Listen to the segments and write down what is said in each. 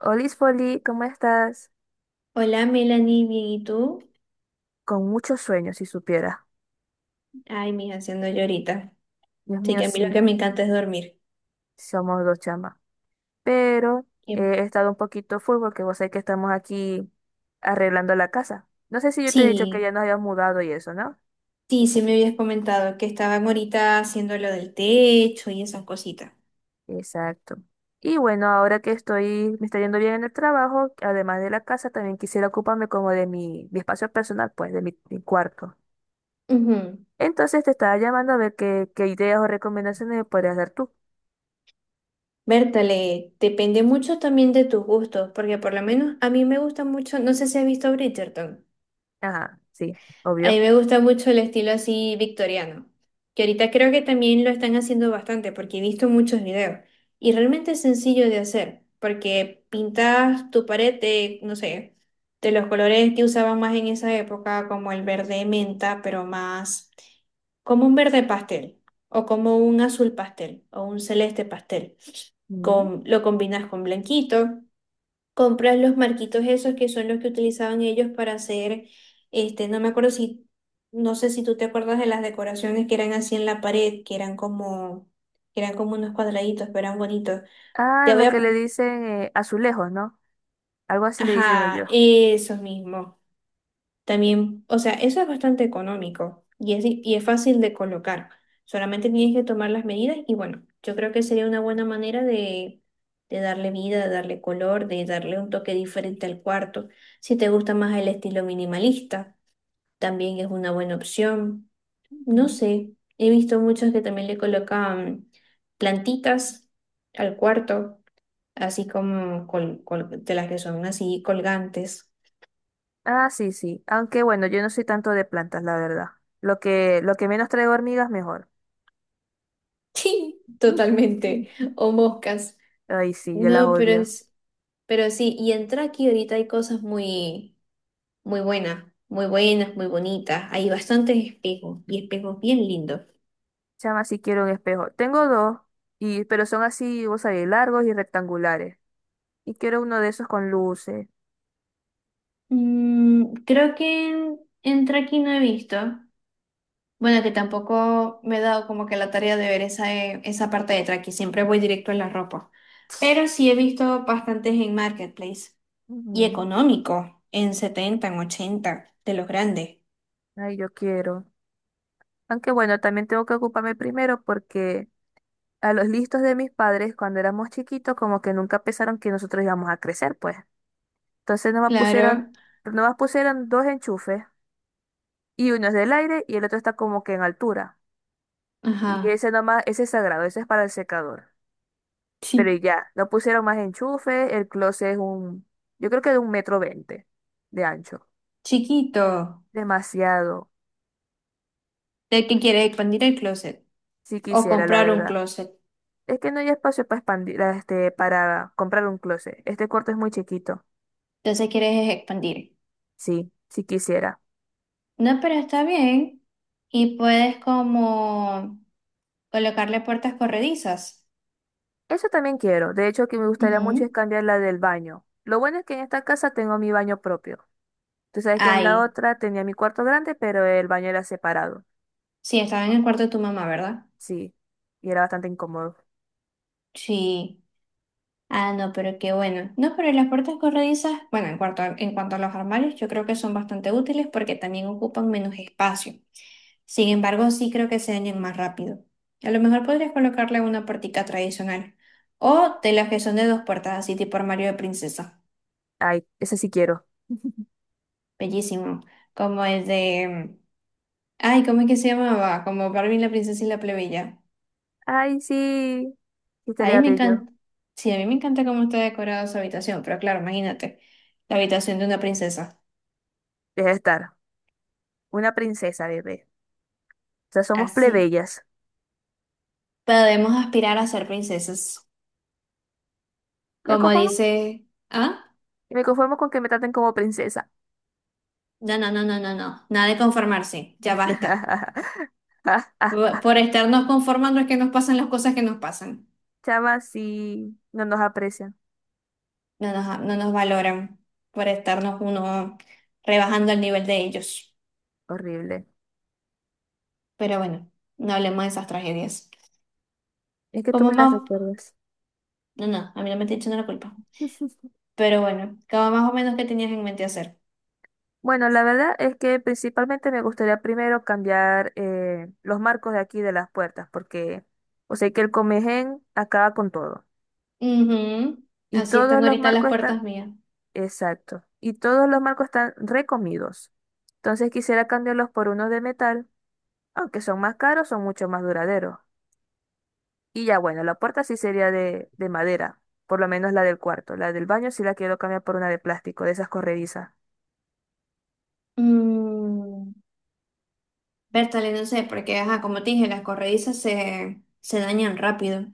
Olis Foli, ¿cómo estás? Hola Melanie, bien, ¿y tú? Con muchos sueños, si supiera. Ay, mija, haciendo yo ahorita. Dios Sí, mío, que a mí lo sí, que me encanta es dormir. somos dos chamas. Pero Y- he estado un poquito full porque vos sabés que estamos aquí arreglando la casa. No sé si yo te Sí, he dicho que ya nos habíamos mudado y eso, ¿no? Sí me habías comentado que estaban ahorita haciendo lo del techo y esas cositas. Exacto. Y bueno, ahora que estoy, me está yendo bien en el trabajo, además de la casa, también quisiera ocuparme como de mi espacio personal, pues, de mi cuarto. Ujú. Entonces te estaba llamando a ver qué ideas o recomendaciones me podrías dar tú. Bertale, depende mucho también de tus gustos, porque por lo menos a mí me gusta mucho, no sé si has visto Bridgerton. Ajá, sí, A mí obvio. me gusta mucho el estilo así victoriano, que ahorita creo que también lo están haciendo bastante porque he visto muchos videos y realmente es sencillo de hacer porque pintas tu pared de, no sé, de los colores que usaban más en esa época, como el verde menta, pero más como un verde pastel o como un azul pastel o un celeste pastel. Mm. Con, lo combinas con blanquito, compras los marquitos esos que son los que utilizaban ellos para hacer, no me acuerdo si, no sé si tú te acuerdas de las decoraciones que eran así en la pared, que eran como unos cuadraditos, pero eran bonitos. Ah, Te voy lo que a, le dicen azulejos, ¿no? Algo así le dicen ajá, ellos. eso mismo. También, o sea, eso es bastante económico y y es fácil de colocar. Solamente tienes que tomar las medidas y bueno, yo creo que sería una buena manera de darle vida, de darle color, de darle un toque diferente al cuarto. Si te gusta más el estilo minimalista, también es una buena opción. No Ujú. sé, he visto muchos que también le colocan plantitas al cuarto, así como de las que son así colgantes. Ah, sí, sí. Aunque bueno, yo no soy tanto de plantas, la verdad. Lo que menos traigo hormigas, mejor. Sí, totalmente. O moscas. Ay, sí, yo las No, pero odio. es, pero sí, y en Traki ahorita hay cosas muy, muy buenas, muy buenas, muy bonitas. Hay bastantes espejos y espejos bien lindos. Chama, sí quiero un espejo. Tengo dos, y, pero son así, vos sabés, largos y rectangulares. Y quiero uno de esos con luces. Mm, creo que en Traki no he visto. Bueno, que tampoco me he dado como que la tarea de ver esa, esa parte de Traki. Siempre voy directo a la ropa. Pero sí he visto bastantes en Marketplace. Y Ujú. económico, en 70 en 80 de los grandes. Ay, yo quiero. Aunque bueno, también tengo que ocuparme primero porque a los listos de mis padres, cuando éramos chiquitos, como que nunca pensaron que nosotros íbamos a crecer, pues. Entonces nomás pusieron, Claro. nomás pusieron dos enchufes y uno es del aire y el otro está como que en altura. Y Ajá, ese nomás, ese es sagrado, ese es para el secador. Pero y sí, ya, no pusieron más enchufes, el closet es un, yo creo que de 1,20 metros de ancho. chiquito. Demasiado, De que quieres expandir el closet si o quisiera, la comprar un verdad. closet. Es que no hay espacio para expandir, este, para comprar un closet. Este cuarto es muy chiquito. Entonces quieres es expandir. Sí, si quisiera. No, pero está bien. Y puedes como colocarle puertas corredizas. Eso también quiero. De hecho, que me gustaría mucho es Ujú. cambiar la del baño. Lo bueno es que en esta casa tengo mi baño propio. Tú sabes que en la Ahí. otra tenía mi cuarto grande, pero el baño era separado. Sí, estaba en el cuarto de tu mamá, ¿verdad? Sí. Y era bastante incómodo. Sí. Ah, no, pero qué bueno. No, pero las puertas corredizas, bueno, en cuanto a los armarios, yo creo que son bastante útiles porque también ocupan menos espacio. Sin embargo, sí creo que se dañan más rápido. A lo mejor podrías colocarle una puertica tradicional Mm. o de las que son de dos puertas, así tipo armario de princesa. Ay, ese sí quiero. Bellísimo. Como el de... Ay, ¿cómo es que se llamaba? Como Barbie la princesa y la plebeya. Ay, sí. ¿Qué Ahí estaría me bello? encanta. Sí, a mí me encanta cómo está decorada su habitación, pero claro, imagínate, la habitación de una princesa. Deja de estar. Una princesa, bebé. O sea, somos Así. plebeyas. Podemos aspirar a ser princesas. Me Como conformo. dice, Y me conformo con que me traten como princesa. no, nada de conformarse, ya basta. Por estarnos conformando es que nos pasan las cosas que nos pasan. Chama, sí. No nos aprecian. No nos valoran por estarnos uno rebajando el nivel de ellos. Horrible. Pero bueno, no hablemos de esas tragedias. Es que tú me Como las más, recuerdas. no, no, a mí no me estoy echando la culpa. Pero bueno, como más o menos que tenías en mente hacer. Bueno, la verdad es que principalmente me gustaría primero cambiar los marcos de aquí de las puertas, porque, o sea, que el Comején acaba con todo. Ujú. Y Así todos están los ahorita las marcos están, puertas mías. exacto, y todos los marcos están recomidos. Entonces quisiera cambiarlos por unos de metal, aunque son más caros, son mucho más duraderos. Y ya bueno, la puerta sí sería de madera, por lo menos la del cuarto. La del baño sí la quiero cambiar por una de plástico, de esas corredizas. Mm. Bertale, no sé, porque, ajá, como te dije, las se dañan rápido.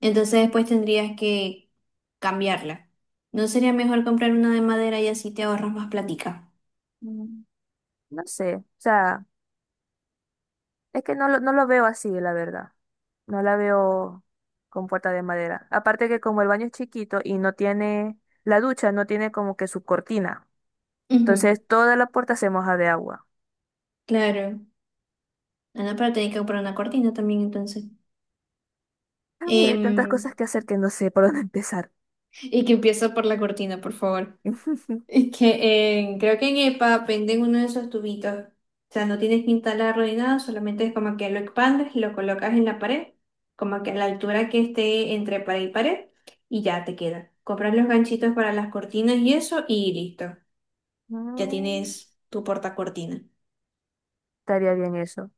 Entonces después tendrías que cambiarla. ¿No sería mejor comprar una de madera y así te ahorras más platica? Mm, no sé, o sea. Es que no, no lo veo así, la verdad. No la veo con puerta de madera. Aparte que como el baño es chiquito y no tiene, la ducha no tiene como que su cortina. Ujú, Entonces toda la puerta se moja de agua. claro. Ah, no, pero tenés que comprar una cortina también entonces. Ay, hay tantas Em, cosas que hacer que no sé por dónde empezar. y que empieza por la cortina, por favor. Es que creo que en EPA venden uno de esos tubitos. O sea, no tienes que instalarlo ni nada, solamente es como que lo expandes y lo colocas en la pared, como que a la altura que esté entre pared y pared, y ya te queda. Compras los ganchitos para las cortinas y eso, y listo. Ya Mm, tienes tu portacortina. estaría bien eso.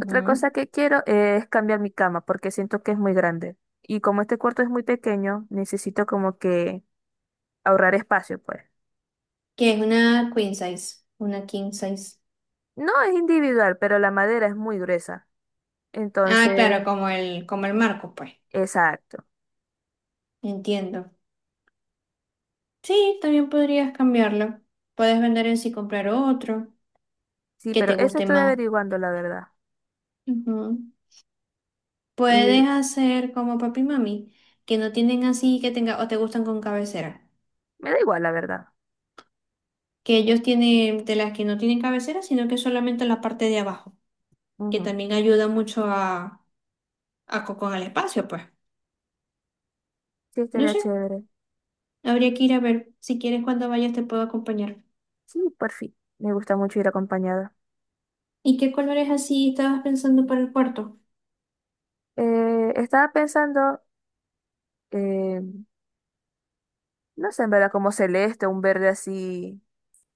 Otra cosa que quiero es cambiar mi cama porque siento que es muy grande. Y como este cuarto es muy pequeño, necesito como que ahorrar espacio, pues. Que es una queen size, una king size. No es individual, pero la madera es muy gruesa. Ah, claro, Entonces, como el marco, pues. exacto. Entiendo. Sí, también podrías cambiarlo. Puedes vender ese y comprar otro Sí, que pero te eso guste estoy más. averiguando, la verdad. Ujú. Y Puedes hacer como papi y mami, que no tienen así, que tenga, o te gustan con cabecera. me da igual, la verdad. Que ellos tienen de las que no tienen cabecera, sino que solamente la parte de abajo, que Ujú. también ayuda mucho a, con el espacio, pues. Sí, No estaría sé, chévere. habría que ir a ver. Si quieres, cuando vayas te puedo acompañar. Sí, por fin. Me gusta mucho ir acompañada. ¿Y qué colores así estabas pensando para el cuarto? Estaba pensando, eh, no sé, en verdad, como celeste, un verde así,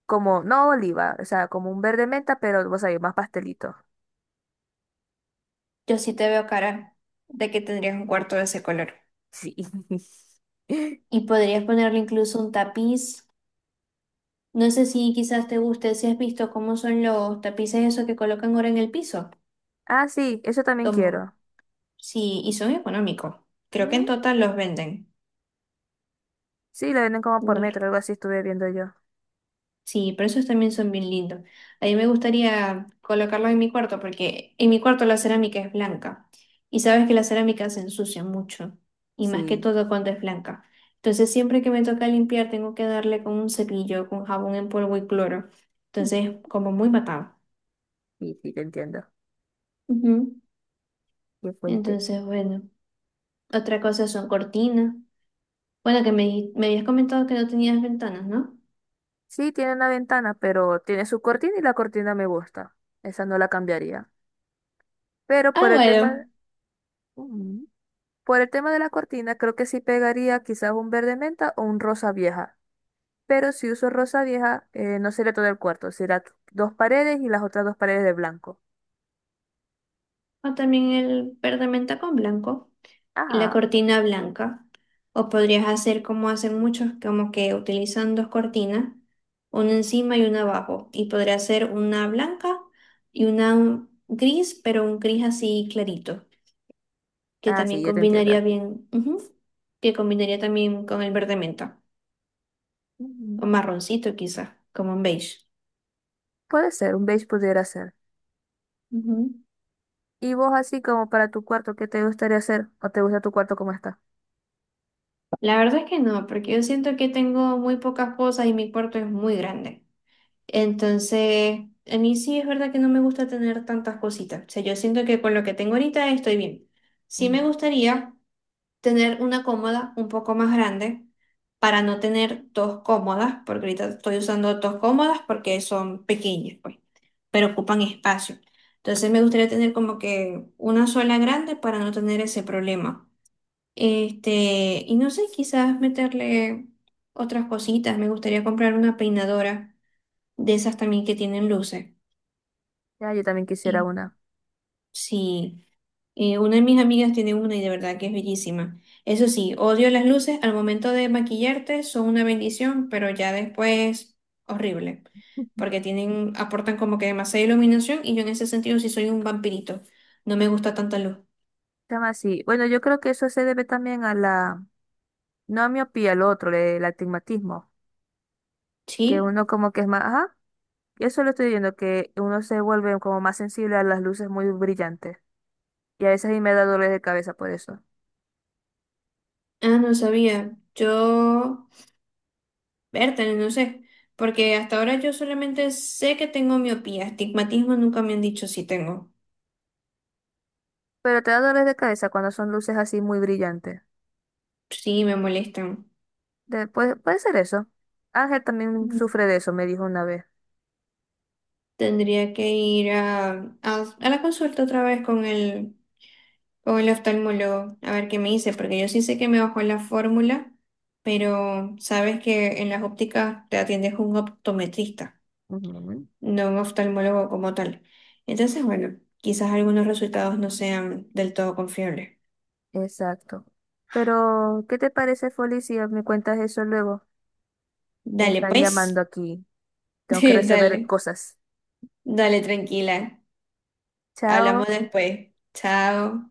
como, no oliva, o sea, como un verde menta, pero vos sabés, más pastelito. Yo sí te veo cara de que tendrías un cuarto de ese color. Sí. Y podrías ponerle incluso un tapiz. No sé si quizás te guste, si has visto cómo son los tapices esos que colocan ahora en el piso. Ah, sí, eso también Tomo. quiero. Sí, y son económicos. Creo que en Ujú. total los venden. Sí, lo venden como por No lo- metro, algo así estuve viendo yo. Sí, pero esos también son bien lindos. A mí me gustaría colocarlos en mi cuarto porque en mi cuarto la cerámica es blanca. Y sabes que la cerámica se ensucia mucho. Y más que Sí, todo cuando es blanca. Entonces siempre que me toca limpiar tengo que darle con un cepillo, con jabón en polvo y cloro. Entonces, como muy matado. sí, sí, te entiendo. Ujú. Qué fuerte. Entonces, bueno. Otra cosa son cortinas. Bueno, me habías comentado que no tenías ventanas, ¿no? Sí, tiene una ventana, pero tiene su cortina y la cortina me gusta. Esa no la cambiaría. Pero Ah, por el tema, bueno. Ujú. Por el tema de la cortina, creo que sí pegaría quizás un verde menta o un rosa vieja. Pero si uso rosa vieja, no sería todo el cuarto, será dos paredes y las otras dos paredes de blanco. O también el verde menta con blanco y la Ajá. cortina blanca. O podrías hacer como hacen muchos, como que utilizan dos cortinas, una encima y una abajo. Y podría ser una blanca y una gris, pero un gris así clarito, que Ah, sí, también ya te entiendo. combinaría bien, ujú, que combinaría también con el verde menta, o Ujú. marroncito quizás, como un beige. Puede ser, un beige pudiera ser. Ujú. Y vos así como para tu cuarto, ¿qué te gustaría hacer? ¿O te gusta tu cuarto como está? La verdad es que no, porque yo siento que tengo muy pocas cosas y mi cuarto es muy grande. Entonces, a mí sí es verdad que no me gusta tener tantas cositas. O sea, yo siento que con lo que tengo ahorita estoy bien. Sí me Ujú. gustaría tener una cómoda un poco más grande para no tener dos cómodas, porque ahorita estoy usando dos cómodas porque son pequeñas, pues, pero ocupan espacio. Entonces, me gustaría tener como que una sola grande para no tener ese problema. Y no sé, quizás meterle otras cositas. Me gustaría comprar una peinadora de esas también que tienen luces. Ya, yo también quisiera Y una. sí, una de mis amigas tiene una y de verdad que es bellísima. Eso sí, odio las luces. Al momento de maquillarte son una bendición, pero ya después horrible. Porque tienen, aportan como que demasiada iluminación y yo en ese sentido sí soy un vampirito. No me gusta tanta luz. Tema así. Bueno, yo creo que eso se debe también a no a miopía, al otro, el astigmatismo, que ¿Sí? uno como que es más, ajá, eso lo estoy viendo, que uno se vuelve como más sensible a las luces muy brillantes. Y a veces a mí me da dolores de cabeza por eso. Ah, no sabía. Yo. Vértale, no sé, porque hasta ahora yo solamente sé que tengo miopía, astigmatismo nunca me han dicho si tengo. Pero te da dolores de cabeza cuando son luces así muy brillantes. Sí, me molestan. Después, puede ser eso. Ángel también Mm. sufre de eso, me dijo una vez. Tendría que ir a la consulta otra vez con el oftalmólogo a ver qué me dice, porque yo sí sé que me bajó la fórmula, pero sabes que en las ópticas te atiendes un optometrista, Ujú, no un oftalmólogo como tal. Entonces, bueno, quizás algunos resultados no sean del todo confiables. exacto. Pero, ¿qué te parece, Foli, si me cuentas eso luego? Dale, Están pues. llamando aquí. Tengo que resolver Dale. cosas. Dale, tranquila. Chao. Hablamos después. Chao.